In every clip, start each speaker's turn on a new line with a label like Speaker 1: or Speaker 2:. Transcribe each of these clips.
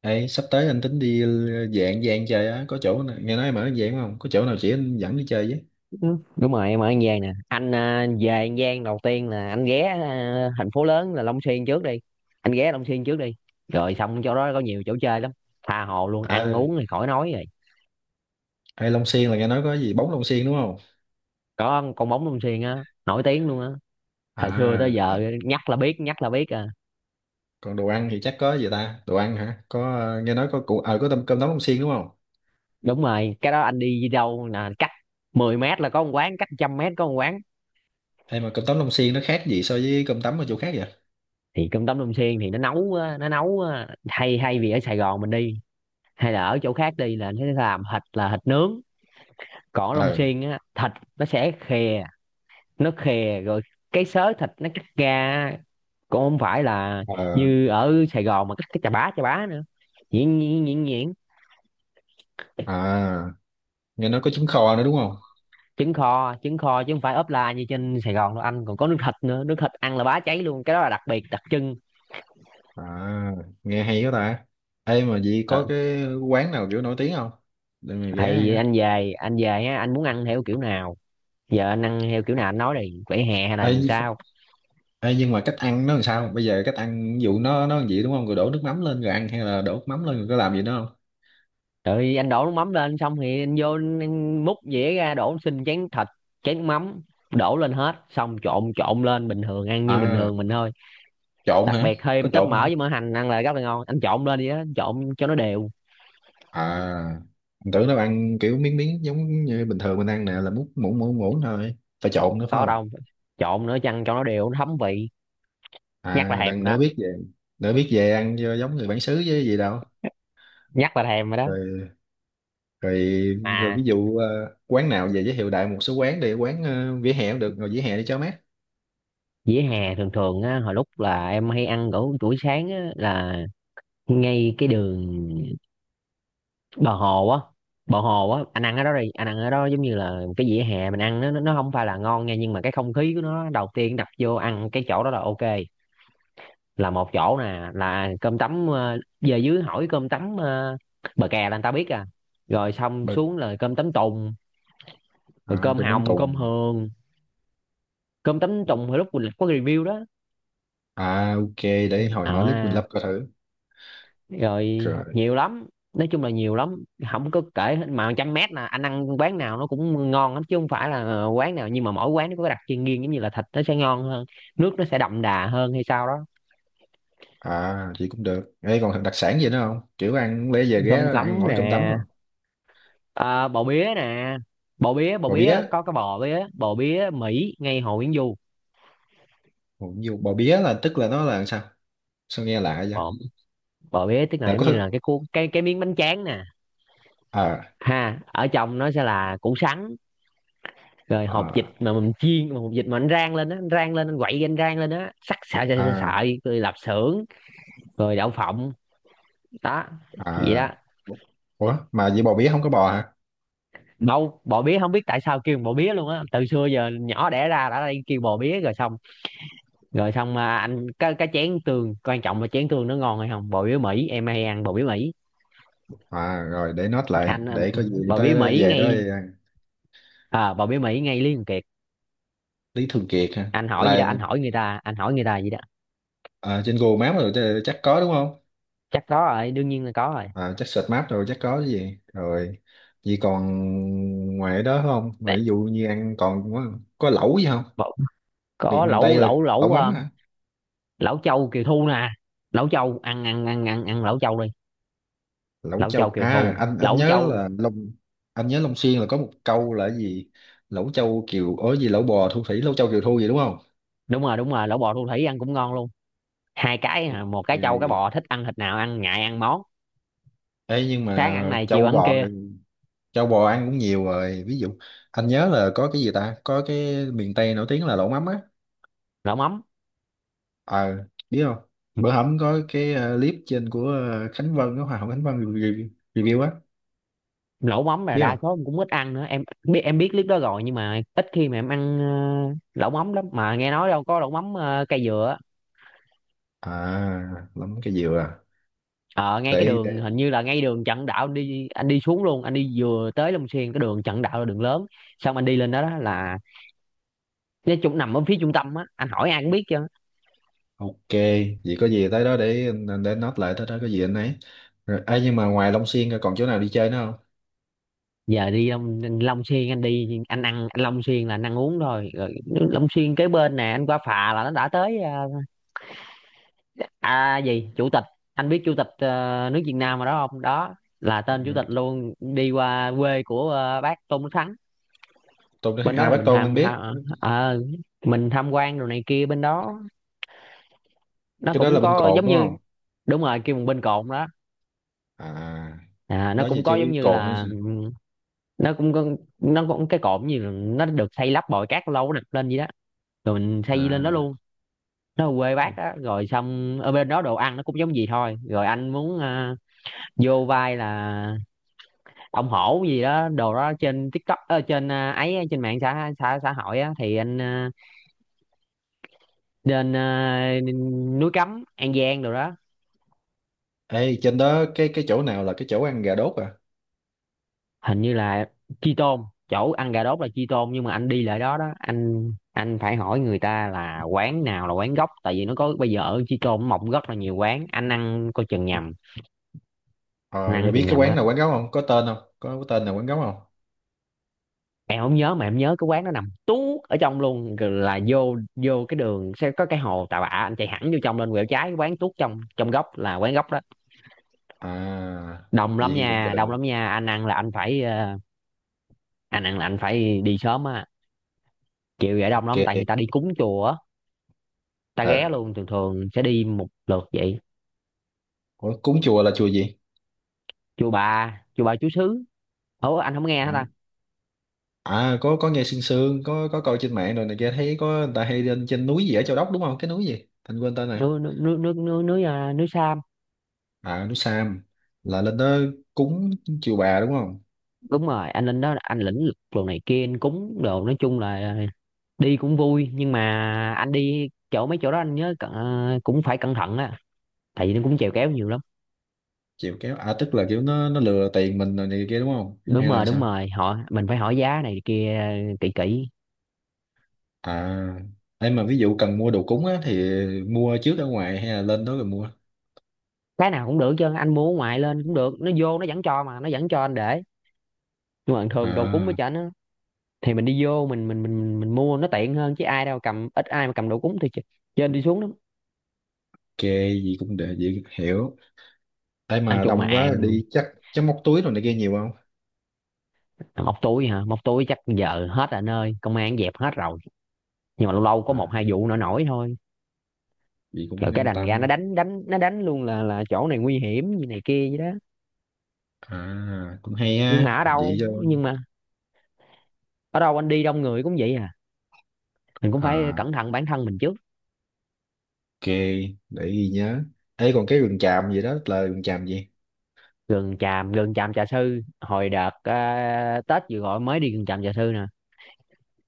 Speaker 1: Ê, sắp tới anh tính đi dạng dạng chơi á, có chỗ nào, nghe nói em ở dạng không, có chỗ nào chỉ anh dẫn đi chơi với.
Speaker 2: Ừ, đúng rồi em ở An Giang nè anh về An Giang đầu tiên là anh ghé thành phố lớn là Long Xuyên trước đi. Anh ghé Long Xuyên trước đi, rồi xong chỗ đó có nhiều chỗ chơi lắm, tha hồ luôn, ăn
Speaker 1: À,
Speaker 2: uống thì khỏi nói rồi.
Speaker 1: hay Long Xuyên là nghe nói có gì bóng Long Xuyên đúng không?
Speaker 2: Có con bóng Long Xuyên á, nổi tiếng luôn á. Thời xưa tới
Speaker 1: À,
Speaker 2: giờ
Speaker 1: à
Speaker 2: nhắc là biết, nhắc là biết à.
Speaker 1: còn đồ ăn thì chắc có gì ta, đồ ăn hả, có nghe nói có củ có tôm cơm tấm Long Xuyên đúng không?
Speaker 2: Đúng rồi, cái đó anh đi đâu là cách 10 mét là có một quán, cách 100 mét có một quán.
Speaker 1: Hay mà cơm tấm Long Xuyên nó khác gì so với cơm tấm ở chỗ khác vậy?
Speaker 2: Thì cơm tấm Long Xuyên thì nó nấu á, hay hay vì ở Sài Gòn mình đi, hay là ở chỗ khác đi là nó làm thịt là thịt nướng. Còn ở
Speaker 1: Ờ,
Speaker 2: Long Xuyên á, thịt nó sẽ khè, nó khè rồi cái xớ thịt nó cắt ra á, cũng không phải là
Speaker 1: ờ,
Speaker 2: như ở Sài Gòn mà cắt cái chà bá nữa, nhuyễn nhuyễn nhuyễn nhuyễn.
Speaker 1: à, nghe nói có trứng kho nữa đúng không?
Speaker 2: Trứng kho, trứng kho chứ không phải ốp la như trên Sài Gòn đâu anh, còn có nước thịt nữa, nước thịt ăn là bá cháy luôn, cái đó là đặc biệt đặc trưng.
Speaker 1: À, nghe hay quá ta. Ê, mà vậy có
Speaker 2: ờ,
Speaker 1: cái quán nào kiểu nổi tiếng không, để mình ghé ăn
Speaker 2: thì
Speaker 1: á?
Speaker 2: anh về á, anh muốn ăn theo kiểu nào, giờ anh ăn theo kiểu nào anh nói đi, vỉa hè hay là
Speaker 1: Ê,
Speaker 2: làm sao.
Speaker 1: Ê, nhưng mà cách ăn nó làm sao, bây giờ cách ăn ví dụ nó làm gì đúng không, rồi đổ nước mắm lên rồi ăn, hay là đổ nước mắm lên rồi có làm gì nữa không?
Speaker 2: Rồi anh đổ nước mắm lên, xong thì anh vô anh múc dĩa ra, đổ xin chén thịt, chén mắm, đổ lên hết, xong trộn trộn lên bình thường, ăn như bình
Speaker 1: À,
Speaker 2: thường mình thôi.
Speaker 1: trộn
Speaker 2: Đặc
Speaker 1: hả?
Speaker 2: biệt
Speaker 1: Có
Speaker 2: thêm tóp
Speaker 1: trộn
Speaker 2: mỡ
Speaker 1: hả?
Speaker 2: với mỡ hành ăn là rất là ngon, anh trộn lên đi á, trộn cho nó đều.
Speaker 1: À, mình tưởng nó ăn kiểu miếng miếng giống như bình thường mình ăn nè, là múc muỗng muỗng muỗng thôi. Phải trộn nữa phải
Speaker 2: Có
Speaker 1: không?
Speaker 2: đâu, trộn nữa chăng cho nó đều, nó thấm vị. Nhắc là
Speaker 1: À,
Speaker 2: thèm
Speaker 1: đang
Speaker 2: rồi đó.
Speaker 1: đỡ biết về. Đỡ biết về ăn cho giống người bản xứ với gì đâu.
Speaker 2: Nhắc là thèm rồi đó
Speaker 1: Rồi, rồi, rồi ví
Speaker 2: mà,
Speaker 1: dụ quán nào về giới thiệu đại một số quán đi, quán vỉa hè cũng được, rồi vỉa hè đi cho mát.
Speaker 2: dĩa hè thường thường á, hồi lúc là em hay ăn ở buổi sáng á, là ngay cái đường bờ hồ á, anh ăn ở đó đi, anh ăn ở đó giống như là cái vỉa hè mình ăn, nó không phải là ngon nha, nhưng mà cái không khí của nó đầu tiên đập vô ăn cái chỗ đó là ok. Là một chỗ nè, là cơm tấm, về dưới hỏi cơm tấm, bờ kè là người ta biết à. Rồi xong
Speaker 1: Bực.
Speaker 2: xuống là cơm tấm tùng, rồi
Speaker 1: À,
Speaker 2: cơm
Speaker 1: đường Long
Speaker 2: hồng, cơm
Speaker 1: Tùng.
Speaker 2: hường. Cơm tấm tùng hồi lúc mình có review đó.
Speaker 1: À, ok, để hồi mở clip mình
Speaker 2: À,
Speaker 1: lắp coi thử.
Speaker 2: rồi
Speaker 1: Rồi.
Speaker 2: nhiều lắm, nói chung là nhiều lắm, không có kể hết. Mà 100 mét là anh ăn quán nào nó cũng ngon lắm, chứ không phải là quán nào, nhưng mà mỗi quán nó có cái đặc trưng riêng, giống như là thịt nó sẽ ngon hơn, nước nó sẽ đậm đà hơn hay sao đó.
Speaker 1: À, chị cũng được ấy, còn đặc sản gì nữa không, kiểu ăn lẽ về ghé
Speaker 2: Cơm
Speaker 1: ăn
Speaker 2: tấm
Speaker 1: mỗi
Speaker 2: nè,
Speaker 1: cơm tấm rồi.
Speaker 2: bò bía nè, bò
Speaker 1: Bò bía.
Speaker 2: bía có cái bò bía, bò bía Mỹ ngay Hồ Nguyễn Du.
Speaker 1: Ủa, nhiều bò bía là tức là nó là sao, sao nghe lạ vậy?
Speaker 2: Bò Bò bía tức là
Speaker 1: Là
Speaker 2: giống
Speaker 1: có.
Speaker 2: như là cái cuốn, cái miếng bánh tráng nè.
Speaker 1: À,
Speaker 2: Ha, ở trong nó sẽ là củ sắn, rồi hột vịt
Speaker 1: à,
Speaker 2: mà mình chiên, mà hột vịt mà anh rang lên á, anh rang lên anh quậy, anh rang lên á, sắc sợi sợi
Speaker 1: à,
Speaker 2: sợi, rồi lạp xưởng, rồi đậu phộng đó, vậy
Speaker 1: à.
Speaker 2: đó.
Speaker 1: Ủa mà vậy bò bía không có bò hả?
Speaker 2: Đâu, bò bía không biết tại sao kêu bò bía luôn á, từ xưa giờ nhỏ đẻ ra đã đây kêu bò bía rồi xong, mà anh cái chén tương quan trọng là chén tương nó ngon hay không, bò bía Mỹ em hay ăn bò bía Mỹ.
Speaker 1: À, rồi để note lại
Speaker 2: Anh
Speaker 1: để có gì
Speaker 2: bò bía
Speaker 1: tới
Speaker 2: Mỹ
Speaker 1: về đó
Speaker 2: ngay,
Speaker 1: ăn.
Speaker 2: bò bía Mỹ ngay Lý Thường Kiệt.
Speaker 1: Lý Thường Kiệt hả,
Speaker 2: Anh hỏi gì đó,
Speaker 1: là
Speaker 2: anh hỏi người ta gì đó.
Speaker 1: à, trên Google Maps rồi chứ, chắc có đúng không?
Speaker 2: Chắc có rồi, đương nhiên là có rồi.
Speaker 1: À, chắc search map rồi, chắc có cái gì rồi. Vậy còn ngoài đó không, rồi ví dụ như ăn còn có lẩu gì không?
Speaker 2: Bò- có
Speaker 1: Miền miền
Speaker 2: lẩu
Speaker 1: Tây là
Speaker 2: lẩu
Speaker 1: lẩu
Speaker 2: lẩu
Speaker 1: mắm hả?
Speaker 2: lẩu châu Kiều Thu nè. Lẩu châu ăn ăn ăn ăn ăn lẩu châu đi,
Speaker 1: Lẩu
Speaker 2: lẩu châu
Speaker 1: châu
Speaker 2: Kiều
Speaker 1: à,
Speaker 2: Thu,
Speaker 1: anh
Speaker 2: lẩu
Speaker 1: nhớ
Speaker 2: châu.
Speaker 1: là Long, anh nhớ Long Xuyên là có một câu là cái gì, lẩu châu kiều ối gì, lẩu bò thu thủy, lẩu châu kiều thu gì đúng không?
Speaker 2: Đúng rồi, đúng rồi, lẩu bò thu thủy ăn cũng ngon luôn, hai cái,
Speaker 1: Ok.
Speaker 2: một cái châu, cái bò, thích ăn thịt nào ăn, ngại ăn món
Speaker 1: Ê, nhưng
Speaker 2: sáng ăn
Speaker 1: mà
Speaker 2: này chiều
Speaker 1: châu
Speaker 2: ăn
Speaker 1: bò,
Speaker 2: kia.
Speaker 1: châu bò ăn cũng nhiều rồi, ví dụ anh nhớ là có cái gì ta, có cái miền Tây nổi tiếng là lẩu mắm á.
Speaker 2: Lẩu mắm,
Speaker 1: Ờ, biết không, bữa hổm có cái clip trên của Khánh Vân, cái Hoa hậu Khánh Vân review, review á,
Speaker 2: lẩu mắm là
Speaker 1: biết
Speaker 2: đa
Speaker 1: không?
Speaker 2: số em cũng ít ăn nữa, em biết clip đó rồi, nhưng mà ít khi mà em ăn. Lẩu mắm lắm mà nghe nói đâu có lẩu mắm cây dừa á.
Speaker 1: À, lắm cái gì à,
Speaker 2: Ờ Ngay cái đường,
Speaker 1: để.
Speaker 2: hình như là ngay đường Trần Đạo, anh đi xuống luôn, anh đi vừa tới Long Xuyên, cái đường Trần Đạo là đường lớn, xong anh đi lên đó, đó là nó chung nằm ở phía trung tâm á, anh hỏi ai cũng biết chứ.
Speaker 1: Ok, vậy có gì tới đó để anh để note lại, tới đó có gì anh ấy. Rồi, ấy nhưng mà ngoài Long Xuyên ra còn chỗ nào đi chơi nữa không?
Speaker 2: Giờ đi Long Xuyên, anh đi, anh ăn, Long Xuyên là anh ăn uống thôi rồi. Long Xuyên kế bên nè, anh qua phà là nó đã tới, gì chủ tịch, anh biết chủ tịch nước Việt Nam mà, đó không, đó là tên chủ tịch luôn, đi qua quê của bác Tôn Đức Thắng.
Speaker 1: Tôi nói
Speaker 2: Bên đó
Speaker 1: à
Speaker 2: thì
Speaker 1: Bác Côn anh biết,
Speaker 2: mình tham quan đồ này kia, bên đó nó
Speaker 1: cái đó
Speaker 2: cũng
Speaker 1: là bên
Speaker 2: có
Speaker 1: Cồn
Speaker 2: giống
Speaker 1: đúng
Speaker 2: như,
Speaker 1: không?
Speaker 2: đúng rồi kêu một bên cồn đó,
Speaker 1: À,
Speaker 2: nó
Speaker 1: đó giờ
Speaker 2: cũng có
Speaker 1: chưa
Speaker 2: giống
Speaker 1: biết
Speaker 2: như
Speaker 1: Cồn nữa.
Speaker 2: là
Speaker 1: Sao?
Speaker 2: nó cũng nó cũng cái cột gì, là nó được xây lắp bồi cát lâu nó đập lên vậy đó, rồi mình xây lên đó
Speaker 1: À.
Speaker 2: luôn. Nó ở quê bác á, rồi xong ở bên đó đồ ăn nó cũng giống gì thôi rồi, anh muốn vô vai là ông hổ gì đó đồ đó trên TikTok, trên ấy, trên mạng xã xã xã hội á, thì anh lên núi Cấm An Giang đồ đó.
Speaker 1: Ê, trên đó cái chỗ nào là cái chỗ ăn gà đốt à?
Speaker 2: Hình như là chi tôn, chỗ ăn gà đốt là chi tôn, nhưng mà anh đi lại đó đó, anh phải hỏi người ta là quán nào là quán gốc, tại vì nó có, bây giờ ở chi tôn mọc rất là nhiều quán, anh ăn coi chừng nhầm,
Speaker 1: Ờ,
Speaker 2: anh ăn coi
Speaker 1: rồi biết
Speaker 2: chừng
Speaker 1: cái
Speaker 2: nhầm
Speaker 1: quán
Speaker 2: á.
Speaker 1: nào quán gấu không? Có tên không? Có, cái tên nào quán gấu không?
Speaker 2: Em không nhớ, mà em nhớ cái quán nó nằm tuốt ở trong luôn rồi, là vô vô cái đường sẽ có cái hồ Tà Bạ, anh chạy thẳng vô trong lên, quẹo trái, cái quán tuốt trong, góc là quán gốc đó.
Speaker 1: À,
Speaker 2: Đông
Speaker 1: vậy
Speaker 2: lắm
Speaker 1: thì cũng
Speaker 2: nha,
Speaker 1: được.
Speaker 2: đông lắm nha, anh ăn là anh phải đi sớm á, chiều vậy đông
Speaker 1: Ok.
Speaker 2: lắm tại người ta đi cúng chùa á, ta ghé
Speaker 1: À,
Speaker 2: luôn, thường thường sẽ đi một lượt vậy.
Speaker 1: ủa, cúng chùa là chùa gì?
Speaker 2: Chùa Bà Chúa Xứ, ủa anh không nghe hả
Speaker 1: À,
Speaker 2: ta.
Speaker 1: à có nghe sương sương, có coi trên mạng rồi này kia, thấy có người ta hay lên trên núi gì ở Châu Đốc đúng không, cái núi gì thành quên tên này.
Speaker 2: Núi núi núi núi núi núi, à, Núi Sam.
Speaker 1: À, núi Sam, là lên đó cúng chiều bà đúng không?
Speaker 2: Đúng rồi, anh lên đó anh lĩnh lực đồ này kia, anh cúng đồ, nói chung là đi cũng vui, nhưng mà anh đi chỗ mấy chỗ đó anh nhớ cũng phải cẩn thận á, tại vì nó cũng chèo kéo nhiều lắm.
Speaker 1: Chiều kéo à, tức là kiểu nó lừa tiền mình rồi này kia đúng không, hay
Speaker 2: Đúng
Speaker 1: là
Speaker 2: rồi, đúng
Speaker 1: sao?
Speaker 2: rồi, họ mình phải hỏi giá này kia, kỹ kỹ.
Speaker 1: À, em mà ví dụ cần mua đồ cúng á, thì mua trước ở ngoài hay là lên đó rồi mua?
Speaker 2: Cái nào cũng được chứ, anh mua ở ngoài lên cũng được, nó vô nó vẫn cho, mà nó vẫn cho anh để, nhưng mà thường đồ cúng với
Speaker 1: À,
Speaker 2: cho nó thì mình đi vô, mình mua nó tiện hơn, chứ ai đâu cầm, ít ai mà cầm đồ cúng thì trên đi xuống lắm.
Speaker 1: ok, gì cũng để gì hiểu. Em
Speaker 2: Nói
Speaker 1: mà
Speaker 2: chung mà
Speaker 1: đông quá
Speaker 2: ăn,
Speaker 1: đi, chắc chắc móc túi rồi này kia nhiều không?
Speaker 2: móc túi hả, móc túi chắc giờ hết rồi anh ơi, công an dẹp hết rồi, nhưng mà lâu lâu có một
Speaker 1: À,
Speaker 2: hai vụ nổi nổi thôi.
Speaker 1: gì
Speaker 2: Rồi
Speaker 1: cũng
Speaker 2: cái
Speaker 1: an
Speaker 2: đành ra nó
Speaker 1: tâm.
Speaker 2: đánh đánh, nó đánh luôn là chỗ này nguy hiểm gì này kia vậy đó.
Speaker 1: À, cũng hay ha vậy cho.
Speaker 2: Nhưng mà ở đâu anh đi đông người cũng vậy à, mình cũng phải
Speaker 1: À,
Speaker 2: cẩn thận bản thân mình trước.
Speaker 1: ok, để ghi nhớ. Ê, còn cái rừng tràm gì đó là rừng tràm gì?
Speaker 2: Gần tràm Trà Sư, hồi đợt Tết vừa gọi mới đi Gần tràm Trà Sư nè.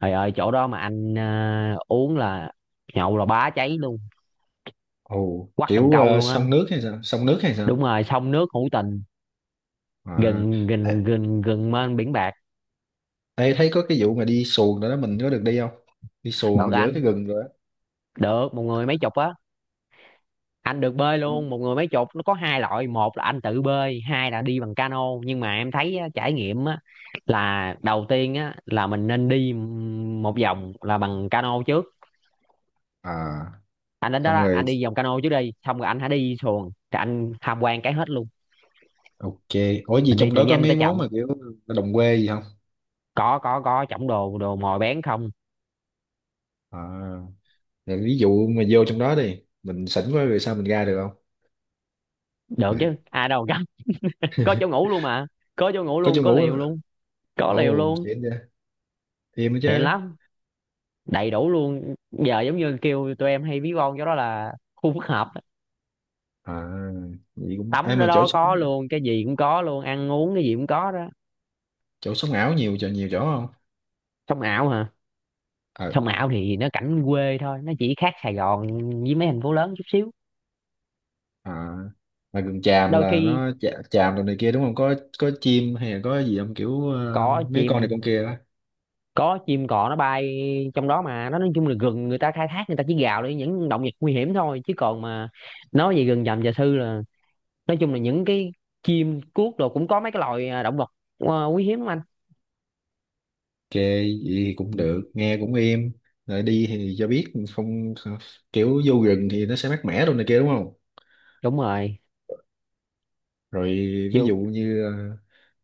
Speaker 2: Trời ơi chỗ đó mà anh uống là nhậu là bá cháy luôn,
Speaker 1: Ồ,
Speaker 2: quắt cần
Speaker 1: kiểu
Speaker 2: câu luôn á.
Speaker 1: sông nước hay sao? Sông nước hay sao?
Speaker 2: Đúng rồi, sông nước hữu tình,
Speaker 1: À,
Speaker 2: gần
Speaker 1: ê,
Speaker 2: gần gần gần mênh biển bạc.
Speaker 1: ê, thấy có cái vụ mà đi xuồng đó, đó mình có được đi không? Đi
Speaker 2: Đợt
Speaker 1: xuồng giữa cái
Speaker 2: anh
Speaker 1: rừng rồi á?
Speaker 2: được một người mấy chục á, anh được bơi luôn, một người mấy chục, nó có hai loại, một là anh tự bơi, hai là đi bằng cano, nhưng mà em thấy á, trải nghiệm á là đầu tiên á là mình nên đi một vòng là bằng cano trước.
Speaker 1: À,
Speaker 2: Anh đến đó
Speaker 1: xong
Speaker 2: đó, anh
Speaker 1: rồi,
Speaker 2: đi vòng cano trước đi, xong rồi anh hãy đi xuồng, rồi anh tham quan cái hết luôn,
Speaker 1: ok. Ủa gì
Speaker 2: mình đi
Speaker 1: trong
Speaker 2: từ
Speaker 1: đó có
Speaker 2: nhanh tới
Speaker 1: mấy món
Speaker 2: chậm.
Speaker 1: mà kiểu đồng quê gì không?
Speaker 2: Có chổng đồ, mồi bén không.
Speaker 1: À, rồi ví dụ mà vô trong đó đi, mình sỉnh quá rồi sao mình ra được không?
Speaker 2: Được
Speaker 1: Ừ.
Speaker 2: chứ, ai đâu gánh, có chỗ ngủ luôn mà, có chỗ ngủ
Speaker 1: Có
Speaker 2: luôn,
Speaker 1: chỗ
Speaker 2: có
Speaker 1: ngủ
Speaker 2: liều
Speaker 1: đó.
Speaker 2: luôn, có liều
Speaker 1: Ồ,
Speaker 2: luôn,
Speaker 1: xịn vậy. Thêm nữa
Speaker 2: tiện
Speaker 1: chứ.
Speaker 2: lắm, đầy đủ luôn, giờ giống như kêu tụi em hay ví von cho đó là khu phức hợp,
Speaker 1: À, vậy cũng... Ai
Speaker 2: tắm đó
Speaker 1: mà chỗ,
Speaker 2: đó có luôn, cái gì cũng có luôn, ăn uống cái gì cũng có đó.
Speaker 1: sống ảo nhiều chỗ, nhiều chỗ không?
Speaker 2: Sông ảo hả?
Speaker 1: Ờ.
Speaker 2: Sông ảo thì nó cảnh quê thôi, nó chỉ khác Sài Gòn với mấy thành phố lớn chút xíu.
Speaker 1: À, mà gần Tràm
Speaker 2: Đôi
Speaker 1: là
Speaker 2: khi
Speaker 1: nó Trà- Tràm rồi này kia đúng không, có có chim hay là có gì không, kiểu
Speaker 2: cỏ
Speaker 1: mấy con này
Speaker 2: chìm,
Speaker 1: con kia đó, ok.
Speaker 2: có chim cò nó bay trong đó, mà nó nói chung là rừng người ta khai thác, người ta chỉ gào để những động vật nguy hiểm thôi, chứ còn mà nói về rừng rậm và sư là, nói chung là những cái chim cuốc đồ cũng có mấy cái loài, động vật quý hiếm lắm anh.
Speaker 1: Vậy thì cũng được, nghe cũng êm, rồi đi thì cho biết không, kiểu vô rừng thì nó sẽ mát mẻ rồi này kia đúng không?
Speaker 2: Đúng rồi,
Speaker 1: Rồi, ví
Speaker 2: chịu,
Speaker 1: dụ như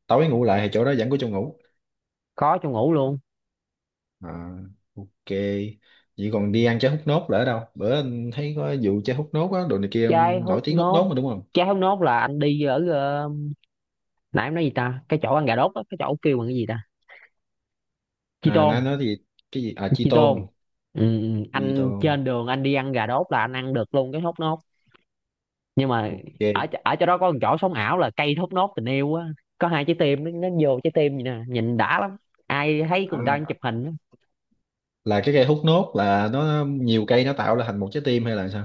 Speaker 1: tối ngủ lại thì chỗ đó vẫn có chỗ ngủ.
Speaker 2: có trong ngủ luôn.
Speaker 1: À, ok, vậy còn đi ăn trái hút nốt là ở đâu, bữa anh thấy có vụ trái hút nốt á, đồ này kia,
Speaker 2: Trái
Speaker 1: nổi
Speaker 2: hút
Speaker 1: tiếng hút
Speaker 2: nốt,
Speaker 1: nốt mà đúng không?
Speaker 2: trái hút nốt là anh đi ở nãy em nói gì ta, cái chỗ ăn gà đốt đó, cái chỗ kêu bằng cái gì ta, chi
Speaker 1: À, nó
Speaker 2: tôm,
Speaker 1: nói gì, cái gì à, chi
Speaker 2: chi tôm,
Speaker 1: tôn.
Speaker 2: ừ, ừ.
Speaker 1: Keto.
Speaker 2: Anh trên đường anh đi ăn gà đốt là anh ăn được luôn cái hút nốt, nhưng mà ở
Speaker 1: Ok.
Speaker 2: ở chỗ đó có một chỗ sống ảo là cây thốt nốt tình yêu á, có hai trái tim, nó vô trái tim vậy nè, nhìn đã lắm, ai thấy người ta đang chụp
Speaker 1: À,
Speaker 2: hình á.
Speaker 1: là cái cây hút nốt là nó nhiều cây nó tạo ra thành một trái tim hay là sao?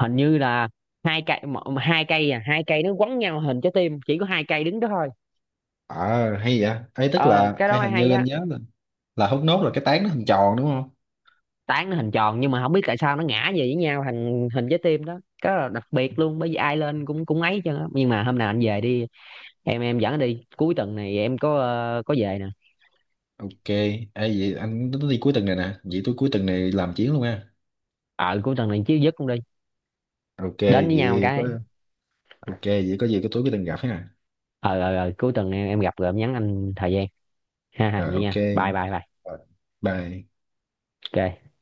Speaker 2: Hình như là hai cây m- hai cây à hai cây nó quấn nhau hình trái tim, chỉ có hai cây đứng đó thôi.
Speaker 1: À, hay vậy ấy, tức
Speaker 2: Ờ
Speaker 1: là
Speaker 2: cái đó
Speaker 1: ấy
Speaker 2: mới
Speaker 1: hình
Speaker 2: hay
Speaker 1: như
Speaker 2: đó,
Speaker 1: anh nhớ là hút nốt là cái tán nó hình tròn đúng không?
Speaker 2: tán nó hình tròn nhưng mà không biết tại sao nó ngã về với nhau thành hình trái tim đó, cái đó là đặc biệt luôn, bởi vì ai lên cũng cũng ấy chứ, nhưng mà hôm nào anh về đi, em dẫn anh đi, cuối tuần này em có có về nè.
Speaker 1: Ok, ấy vậy anh nó đi cuối tuần này nè, vậy tôi cuối tuần này làm chuyến luôn ha.
Speaker 2: Ờ Cuối tuần này chứ dứt cũng đi,
Speaker 1: Ok,
Speaker 2: đến với nhau một
Speaker 1: vậy có,
Speaker 2: cái.
Speaker 1: ok vậy có gì cái tối cuối tuần gặp ha.
Speaker 2: Ờ, Cuối tuần em gặp rồi em nhắn anh thời gian. Ha ha
Speaker 1: Rồi,
Speaker 2: vậy
Speaker 1: ok.
Speaker 2: nha, bye bye bye.
Speaker 1: Rồi, bye.
Speaker 2: Ok.